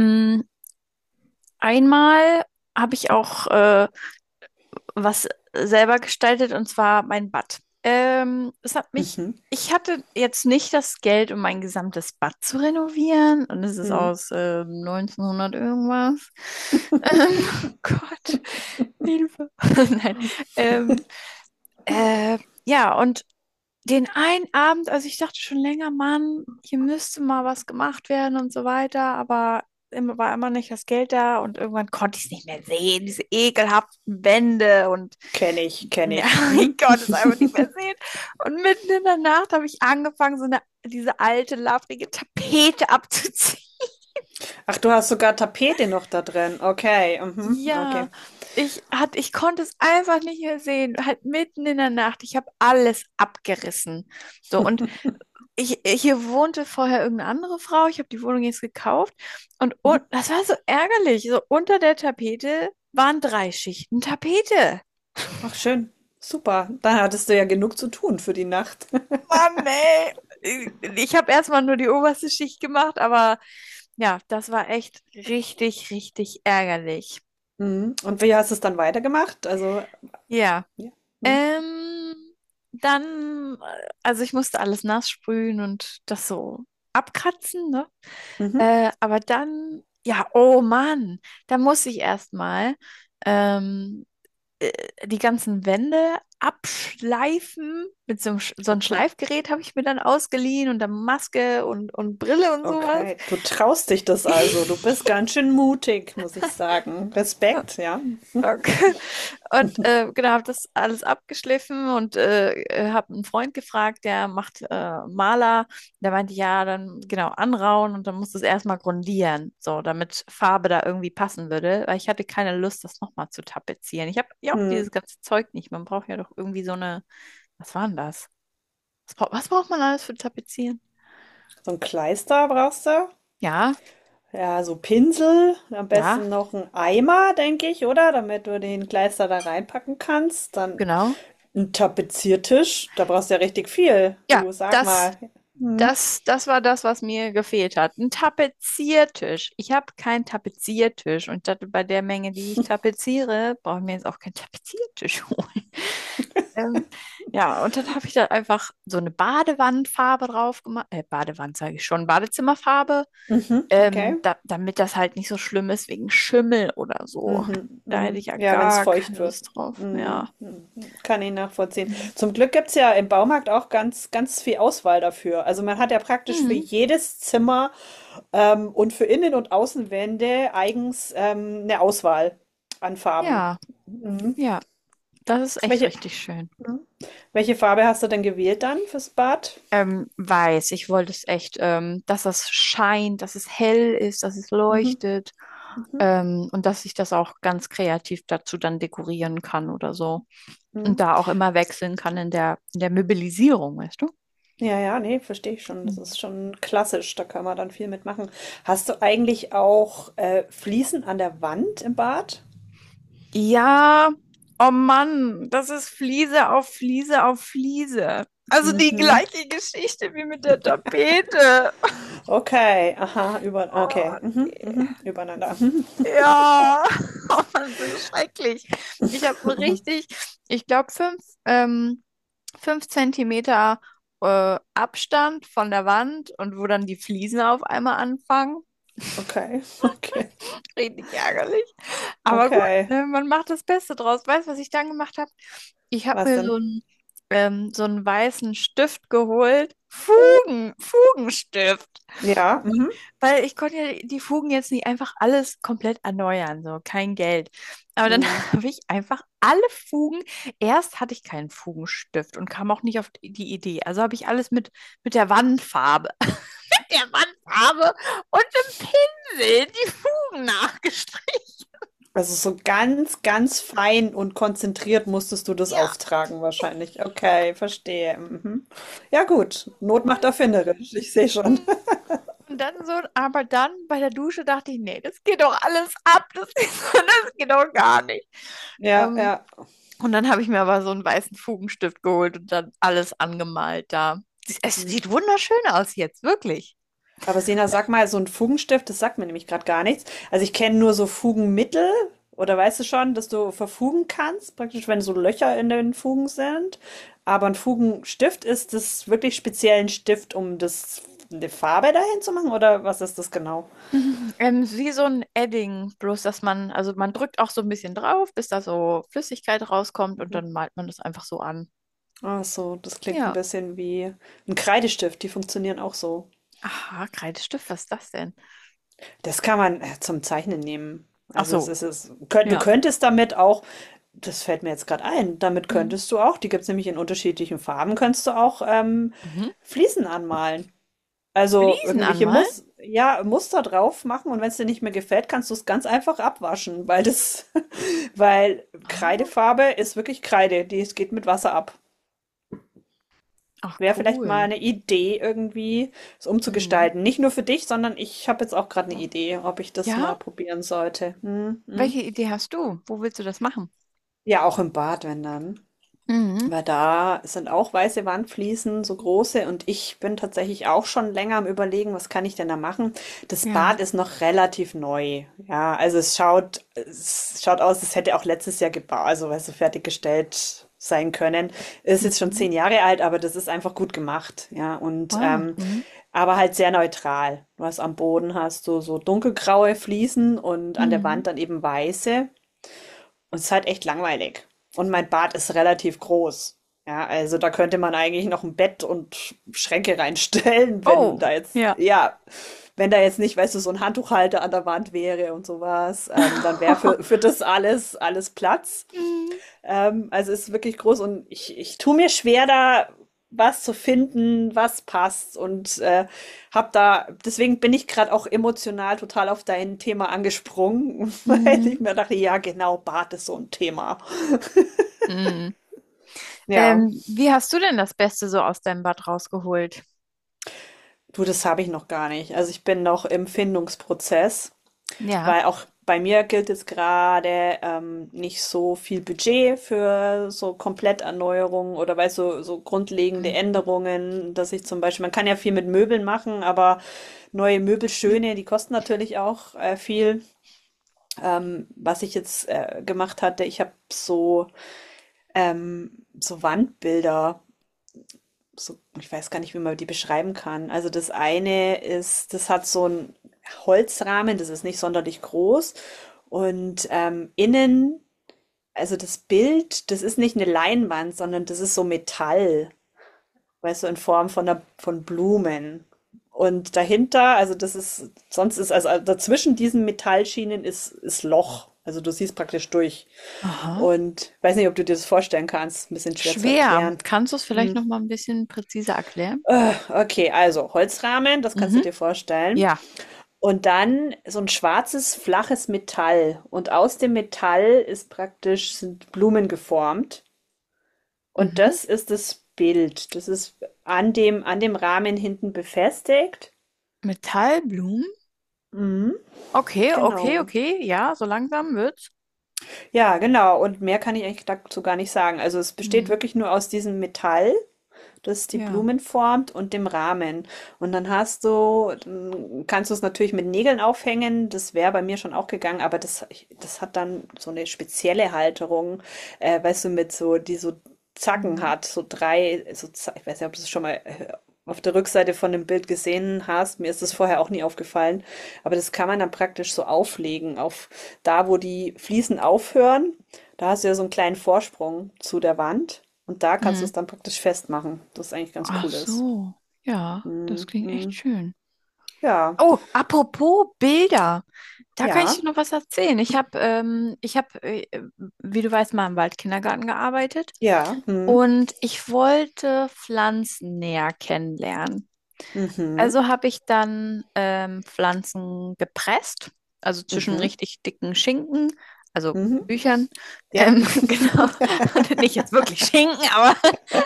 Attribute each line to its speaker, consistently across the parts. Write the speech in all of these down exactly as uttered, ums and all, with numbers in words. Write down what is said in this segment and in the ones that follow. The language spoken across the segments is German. Speaker 1: Mm, Einmal habe ich auch äh, was selber gestaltet, und zwar mein Bad. Ähm, es hat mich,
Speaker 2: Mhm,
Speaker 1: ich hatte jetzt nicht das Geld, um mein gesamtes Bad zu renovieren, und es ist
Speaker 2: mhm.
Speaker 1: aus äh, neunzehnhundert irgendwas. Ähm, Gott, Hilfe. Nein. Ähm, äh, ja, und den einen Abend, also ich dachte schon länger, Mann, hier müsste mal was gemacht werden und so weiter, aber immer war immer nicht das Geld da, und irgendwann konnte ich es nicht mehr sehen, diese ekelhaften Wände, und
Speaker 2: Kenne ich, kenne
Speaker 1: ja,
Speaker 2: ich.
Speaker 1: ich
Speaker 2: Mhm.
Speaker 1: konnte es einfach nicht mehr sehen. Und mitten in der Nacht habe ich angefangen, so eine, diese alte, labrige Tapete abzuziehen.
Speaker 2: Ach, du hast sogar Tapete noch da drin. Okay, mhm, okay.
Speaker 1: Ja, ich hat, ich konnte es einfach nicht mehr sehen, halt mitten in der Nacht. Ich habe alles abgerissen. So, und ich, hier wohnte vorher irgendeine andere Frau, ich habe die Wohnung jetzt gekauft, und,
Speaker 2: Mhm.
Speaker 1: un- das war so ärgerlich. So unter der Tapete waren drei Schichten Tapete.
Speaker 2: Ach, schön. Super. Da hattest du ja genug zu tun für die Nacht.
Speaker 1: Mann, ey. Ich habe erstmal nur die oberste Schicht gemacht, aber ja, das war echt richtig, richtig ärgerlich.
Speaker 2: Mhm. Und wie hast du es dann weitergemacht? Also,
Speaker 1: Ja.
Speaker 2: ja. Mhm.
Speaker 1: Ähm, Dann, äh, also ich musste alles nass sprühen und das so abkratzen, ne?
Speaker 2: Mhm.
Speaker 1: Äh, aber dann, ja, oh Mann, da muss ich erstmal ähm, äh, die ganzen Wände abschleifen. Mit so einem, Sch- so einem
Speaker 2: Okay.
Speaker 1: Schleifgerät habe ich mir dann ausgeliehen, und dann Maske und, und Brille und sowas.
Speaker 2: Okay. Du traust dich das also. Du bist ganz schön mutig, muss ich sagen. Respekt, ja.
Speaker 1: Okay. Und äh, genau, habe das alles abgeschliffen und äh, habe einen Freund gefragt, der macht äh, Maler. Der meinte, ja, dann genau anrauen, und dann muss das erstmal grundieren, so damit Farbe da irgendwie passen würde, weil ich hatte keine Lust, das nochmal zu tapezieren. Ich habe ja auch
Speaker 2: Mhm.
Speaker 1: dieses ganze Zeug nicht. Man braucht ja doch irgendwie so eine, was war denn das? Was, braucht- was braucht man alles für Tapezieren?
Speaker 2: So ein Kleister brauchst du?
Speaker 1: Ja,
Speaker 2: Ja, so Pinsel, am
Speaker 1: ja,
Speaker 2: besten noch ein Eimer, denke ich, oder? Damit du den Kleister da reinpacken kannst. Dann
Speaker 1: genau.
Speaker 2: ein Tapeziertisch, da brauchst du ja richtig viel.
Speaker 1: Ja,
Speaker 2: Du sag
Speaker 1: das
Speaker 2: mal. Hm.
Speaker 1: Das, das war das, was mir gefehlt hat. Ein Tapeziertisch. Ich habe keinen Tapeziertisch, und das, bei der Menge, die ich tapeziere, brauche ich mir jetzt auch keinen Tapeziertisch holen. Ähm, ja, und dann habe ich da einfach so eine Badewandfarbe drauf gemacht. Äh, Badewand sage ich schon, Badezimmerfarbe,
Speaker 2: Mhm, okay.
Speaker 1: ähm, da, damit das halt nicht so schlimm ist wegen Schimmel oder so.
Speaker 2: Mhm,
Speaker 1: Da hätte ich
Speaker 2: mhm.
Speaker 1: ja
Speaker 2: Ja, wenn es
Speaker 1: gar
Speaker 2: feucht
Speaker 1: keine
Speaker 2: wird.
Speaker 1: Lust drauf
Speaker 2: Mhm,
Speaker 1: mehr.
Speaker 2: mhm. Kann ich nachvollziehen.
Speaker 1: Mhm.
Speaker 2: Zum Glück gibt es ja im Baumarkt auch ganz, ganz viel Auswahl dafür. Also man hat ja praktisch für
Speaker 1: Mhm.
Speaker 2: jedes Zimmer ähm, und für Innen- und Außenwände eigens ähm, eine Auswahl an Farben.
Speaker 1: Ja,
Speaker 2: Mhm.
Speaker 1: ja, das ist echt
Speaker 2: Welche,
Speaker 1: richtig schön.
Speaker 2: mhm, welche Farbe hast du denn gewählt dann fürs Bad?
Speaker 1: Ähm, weiß, ich wollte es echt, ähm, dass das scheint, dass es hell ist, dass es
Speaker 2: Mhm.
Speaker 1: leuchtet,
Speaker 2: Mhm.
Speaker 1: ähm, und dass ich das auch ganz kreativ dazu dann dekorieren kann oder so. Und
Speaker 2: Mhm.
Speaker 1: da auch immer wechseln kann in der, in der Möbelisierung, weißt du?
Speaker 2: Ja, ja, nee, verstehe ich schon. Das
Speaker 1: Mhm.
Speaker 2: ist schon klassisch. Da kann man dann viel mitmachen. Hast du eigentlich auch äh, Fliesen an der Wand im Bad?
Speaker 1: Ja, oh Mann, das ist Fliese auf Fliese auf Fliese. Also die
Speaker 2: Mhm.
Speaker 1: gleiche Geschichte wie mit der Tapete.
Speaker 2: Okay, aha, über,
Speaker 1: Oh
Speaker 2: okay, mhm,
Speaker 1: nee.
Speaker 2: mhm, übereinander. Mhm.
Speaker 1: Ja, oh Mann, das ist schrecklich. Ich habe richtig, ich glaube, fünf, ähm, fünf Zentimeter äh, Abstand von der Wand, und wo dann die Fliesen auf einmal anfangen.
Speaker 2: Okay, okay,
Speaker 1: Richtig ärgerlich. Aber gut,
Speaker 2: okay.
Speaker 1: ne, man macht das Beste draus. Weißt du, was ich dann gemacht habe? Ich habe
Speaker 2: Was
Speaker 1: mir so
Speaker 2: denn?
Speaker 1: einen, ähm, so einen weißen Stift geholt. Fugen, Fugenstift.
Speaker 2: Ja, mhm.
Speaker 1: Weil ich konnte ja die Fugen jetzt nicht einfach alles komplett erneuern, so kein Geld. Aber dann
Speaker 2: Mhm.
Speaker 1: habe ich einfach alle Fugen, erst hatte ich keinen Fugenstift und kam auch nicht auf die die Idee. Also habe ich alles mit, mit der Wandfarbe, der Wandfarbe und einem Pinsel die Fugen nachgestrichen.
Speaker 2: Also so ganz, ganz fein und konzentriert musstest du das
Speaker 1: Ja,
Speaker 2: auftragen wahrscheinlich. Okay, verstehe. Mhm. Ja gut, Not macht
Speaker 1: Mann.
Speaker 2: erfinderisch, ich sehe
Speaker 1: Mhm.
Speaker 2: schon.
Speaker 1: Und dann so, aber dann bei der Dusche dachte ich, nee, das geht doch alles ab, das, das geht doch gar nicht.
Speaker 2: Ja,
Speaker 1: Ähm,
Speaker 2: ja.
Speaker 1: Und dann habe ich mir aber so einen weißen Fugenstift geholt und dann alles angemalt da. Es
Speaker 2: Hm.
Speaker 1: sieht wunderschön aus jetzt, wirklich.
Speaker 2: Aber Sena, sag mal, so ein Fugenstift, das sagt mir nämlich gerade gar nichts. Also ich kenne nur so Fugenmittel oder weißt du schon, dass du verfugen kannst, praktisch wenn so Löcher in den Fugen sind. Aber ein Fugenstift ist das wirklich speziell ein Stift, um das eine Farbe dahin zu machen oder was ist das genau?
Speaker 1: Mhm. Ähm, wie so ein Edding, bloß dass man, also man drückt auch so ein bisschen drauf, bis da so Flüssigkeit rauskommt, und dann malt man das einfach so an.
Speaker 2: Ach so, das klingt ein
Speaker 1: Ja.
Speaker 2: bisschen wie ein Kreidestift, die funktionieren auch so.
Speaker 1: Aha, Kreidestift, was ist das denn?
Speaker 2: Das kann man äh, zum Zeichnen nehmen.
Speaker 1: Ach
Speaker 2: Also es
Speaker 1: so,
Speaker 2: ist es, könnt, du
Speaker 1: ja.
Speaker 2: könntest damit auch, das fällt mir jetzt gerade ein, damit
Speaker 1: Hm.
Speaker 2: könntest du auch, die gibt es nämlich in unterschiedlichen Farben, könntest du auch ähm,
Speaker 1: Mhm.
Speaker 2: Fliesen anmalen. Also
Speaker 1: Fliesen
Speaker 2: irgendwelche
Speaker 1: anmalen?
Speaker 2: Mus ja, Muster drauf machen und wenn es dir nicht mehr gefällt, kannst du es ganz einfach abwaschen, weil das, weil
Speaker 1: Ah,
Speaker 2: Kreidefarbe ist wirklich Kreide, die es geht mit Wasser ab.
Speaker 1: ach,
Speaker 2: Wäre vielleicht mal
Speaker 1: cool.
Speaker 2: eine Idee irgendwie, es
Speaker 1: Hm.
Speaker 2: umzugestalten. Nicht nur für dich, sondern ich habe jetzt auch gerade eine Idee, ob ich das mal
Speaker 1: Ja,
Speaker 2: probieren sollte. Mhm, mhm.
Speaker 1: welche Idee hast du? Wo willst du das machen?
Speaker 2: Ja, auch im Bad, wenn dann.
Speaker 1: Mhm.
Speaker 2: Weil da sind auch weiße Wandfliesen, so große, und ich bin tatsächlich auch schon länger am Überlegen, was kann ich denn da machen? Das
Speaker 1: Ja.
Speaker 2: Bad ist noch relativ neu. Ja, also es schaut, es schaut aus, es hätte auch letztes Jahr gebaut, also weißt du, fertiggestellt sein können. Ist jetzt schon
Speaker 1: Mhm.
Speaker 2: zehn Jahre alt, aber das ist einfach gut gemacht. Ja, und
Speaker 1: Wow.
Speaker 2: ähm,
Speaker 1: Mhm.
Speaker 2: aber halt sehr neutral. Du hast am Boden hast du so dunkelgraue Fliesen und an der
Speaker 1: Mhm.
Speaker 2: Wand dann eben weiße. Und es ist halt echt langweilig. Und mein Bad ist relativ groß. Ja, also da könnte man eigentlich noch ein Bett und Schränke reinstellen, wenn
Speaker 1: Oh,
Speaker 2: da jetzt,
Speaker 1: ja.
Speaker 2: ja, wenn da jetzt nicht, weißt du, so ein Handtuchhalter an der Wand wäre und sowas, ähm, dann wäre für, für das alles, alles Platz.
Speaker 1: Mhm.
Speaker 2: Ähm, also es ist wirklich groß und ich, ich tue mir schwer, da was zu finden, was passt und äh, habe da, deswegen bin ich gerade auch emotional total auf dein Thema angesprungen, weil
Speaker 1: Mhm.
Speaker 2: ich mir dachte, ja genau, Bart ist so ein Thema.
Speaker 1: Mhm.
Speaker 2: Ja,
Speaker 1: Ähm, wie hast du denn das Beste so aus deinem Bad rausgeholt?
Speaker 2: du, das habe ich noch gar nicht. Also ich bin noch im Findungsprozess.
Speaker 1: Ja.
Speaker 2: Weil auch bei mir gilt jetzt gerade ähm, nicht so viel Budget für so Kompletterneuerungen oder weil so, so grundlegende
Speaker 1: Mhm.
Speaker 2: Änderungen, dass ich zum Beispiel, man kann ja viel mit Möbeln machen, aber neue Möbel schöne die kosten natürlich auch äh, viel. Ähm, was ich jetzt äh, gemacht hatte, ich habe so, ähm, so Wandbilder so, ich weiß gar nicht, wie man die beschreiben kann. Also das eine ist, das hat so einen Holzrahmen, das ist nicht sonderlich groß. Und ähm, innen, also das Bild, das ist nicht eine Leinwand, sondern das ist so Metall, weißt du, in Form von einer, von Blumen. Und dahinter, also das ist, sonst ist, also dazwischen diesen Metallschienen ist, ist Loch. Also du siehst praktisch durch.
Speaker 1: Aha.
Speaker 2: Und weiß nicht, ob du dir das vorstellen kannst. Ein bisschen schwer zu
Speaker 1: Schwer.
Speaker 2: erklären.
Speaker 1: Kannst du es vielleicht
Speaker 2: Hm.
Speaker 1: noch mal ein bisschen präziser erklären?
Speaker 2: Äh, Okay, also Holzrahmen, das kannst du
Speaker 1: Mhm.
Speaker 2: dir vorstellen.
Speaker 1: Ja.
Speaker 2: Und dann so ein schwarzes, flaches Metall. Und aus dem Metall ist praktisch sind Blumen geformt. Und
Speaker 1: Mhm.
Speaker 2: das ist das Bild. Das ist an dem, an dem Rahmen hinten befestigt.
Speaker 1: Metallblumen?
Speaker 2: Mhm,
Speaker 1: Okay, okay,
Speaker 2: genau.
Speaker 1: okay. Ja, so langsam wird's.
Speaker 2: Ja, genau. Und mehr kann ich eigentlich dazu gar nicht sagen. Also es besteht
Speaker 1: Mhm.
Speaker 2: wirklich nur aus diesem Metall, das die
Speaker 1: Ja.
Speaker 2: Blumen formt und dem Rahmen. Und dann hast du, dann kannst du es natürlich mit Nägeln aufhängen. Das wäre bei mir schon auch gegangen, aber das, das hat dann so eine spezielle Halterung, äh, weißt du, mit so, die so Zacken
Speaker 1: Mhm.
Speaker 2: hat, so drei, so, Z- ich weiß nicht, ob du es schon mal äh, auf der Rückseite von dem Bild gesehen hast. Mir ist das vorher auch nie aufgefallen. Aber das kann man dann praktisch so auflegen, auf da, wo die Fliesen aufhören da hast du ja so einen kleinen Vorsprung zu der Wand und da kannst du
Speaker 1: Mhm.
Speaker 2: es dann praktisch festmachen, das ist eigentlich ganz
Speaker 1: Ach
Speaker 2: cool ist.
Speaker 1: so. Ja, das
Speaker 2: Mhm,
Speaker 1: klingt echt
Speaker 2: mhm.
Speaker 1: schön.
Speaker 2: Ja,
Speaker 1: Oh, apropos Bilder, da kann ich
Speaker 2: ja,
Speaker 1: dir noch was erzählen. Ich habe, ähm, ich habe, äh, wie du weißt, mal im Waldkindergarten gearbeitet,
Speaker 2: ja, mhm,
Speaker 1: und ich wollte Pflanzen näher kennenlernen.
Speaker 2: mhm,
Speaker 1: Also habe ich dann ähm, Pflanzen gepresst, also zwischen
Speaker 2: mhm,
Speaker 1: richtig dicken Schinken, also
Speaker 2: mhm,
Speaker 1: Büchern,
Speaker 2: ja.
Speaker 1: ähm, genau. Und nicht jetzt wirklich Schinken, aber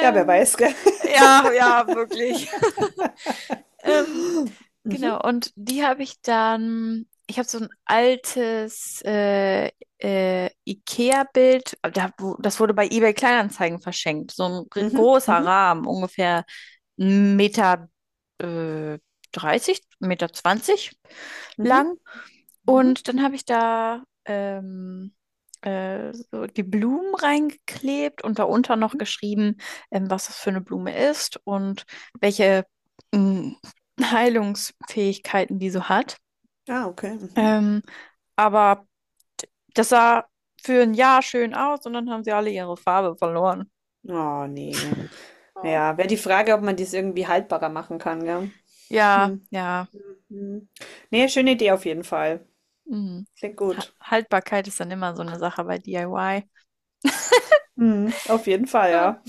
Speaker 2: Ja, wer weiß, gell?
Speaker 1: ja, ja, wirklich. Ähm, Genau, und die habe ich dann, ich habe so ein altes äh, äh, IKEA-Bild, da, wo- das wurde bei eBay Kleinanzeigen verschenkt, so ein gr-
Speaker 2: Mhm,
Speaker 1: großer
Speaker 2: mhm,
Speaker 1: Rahmen, ungefähr Meter äh, dreißig, Meter zwanzig
Speaker 2: mhm,
Speaker 1: lang.
Speaker 2: mhm,
Speaker 1: Und dann habe ich da ähm, äh, so die Blumen reingeklebt und darunter noch
Speaker 2: mhm.
Speaker 1: geschrieben, ähm, was das für eine Blume ist und welche ähm, Heilungsfähigkeiten die so hat.
Speaker 2: Ah, okay, mhm.
Speaker 1: Ähm, aber das sah für ein Jahr schön aus, und dann haben sie alle ihre Farbe verloren.
Speaker 2: Oh ne.
Speaker 1: Oh.
Speaker 2: Ja, wäre die Frage, ob man dies irgendwie haltbarer machen kann, gell?
Speaker 1: Ja,
Speaker 2: Mhm,
Speaker 1: ja.
Speaker 2: mhm. Ne, schöne Idee auf jeden Fall.
Speaker 1: Mhm.
Speaker 2: Klingt
Speaker 1: Ha-
Speaker 2: gut.
Speaker 1: Haltbarkeit ist dann immer so eine Sache bei D I Y.
Speaker 2: Mhm, auf jeden Fall, ja.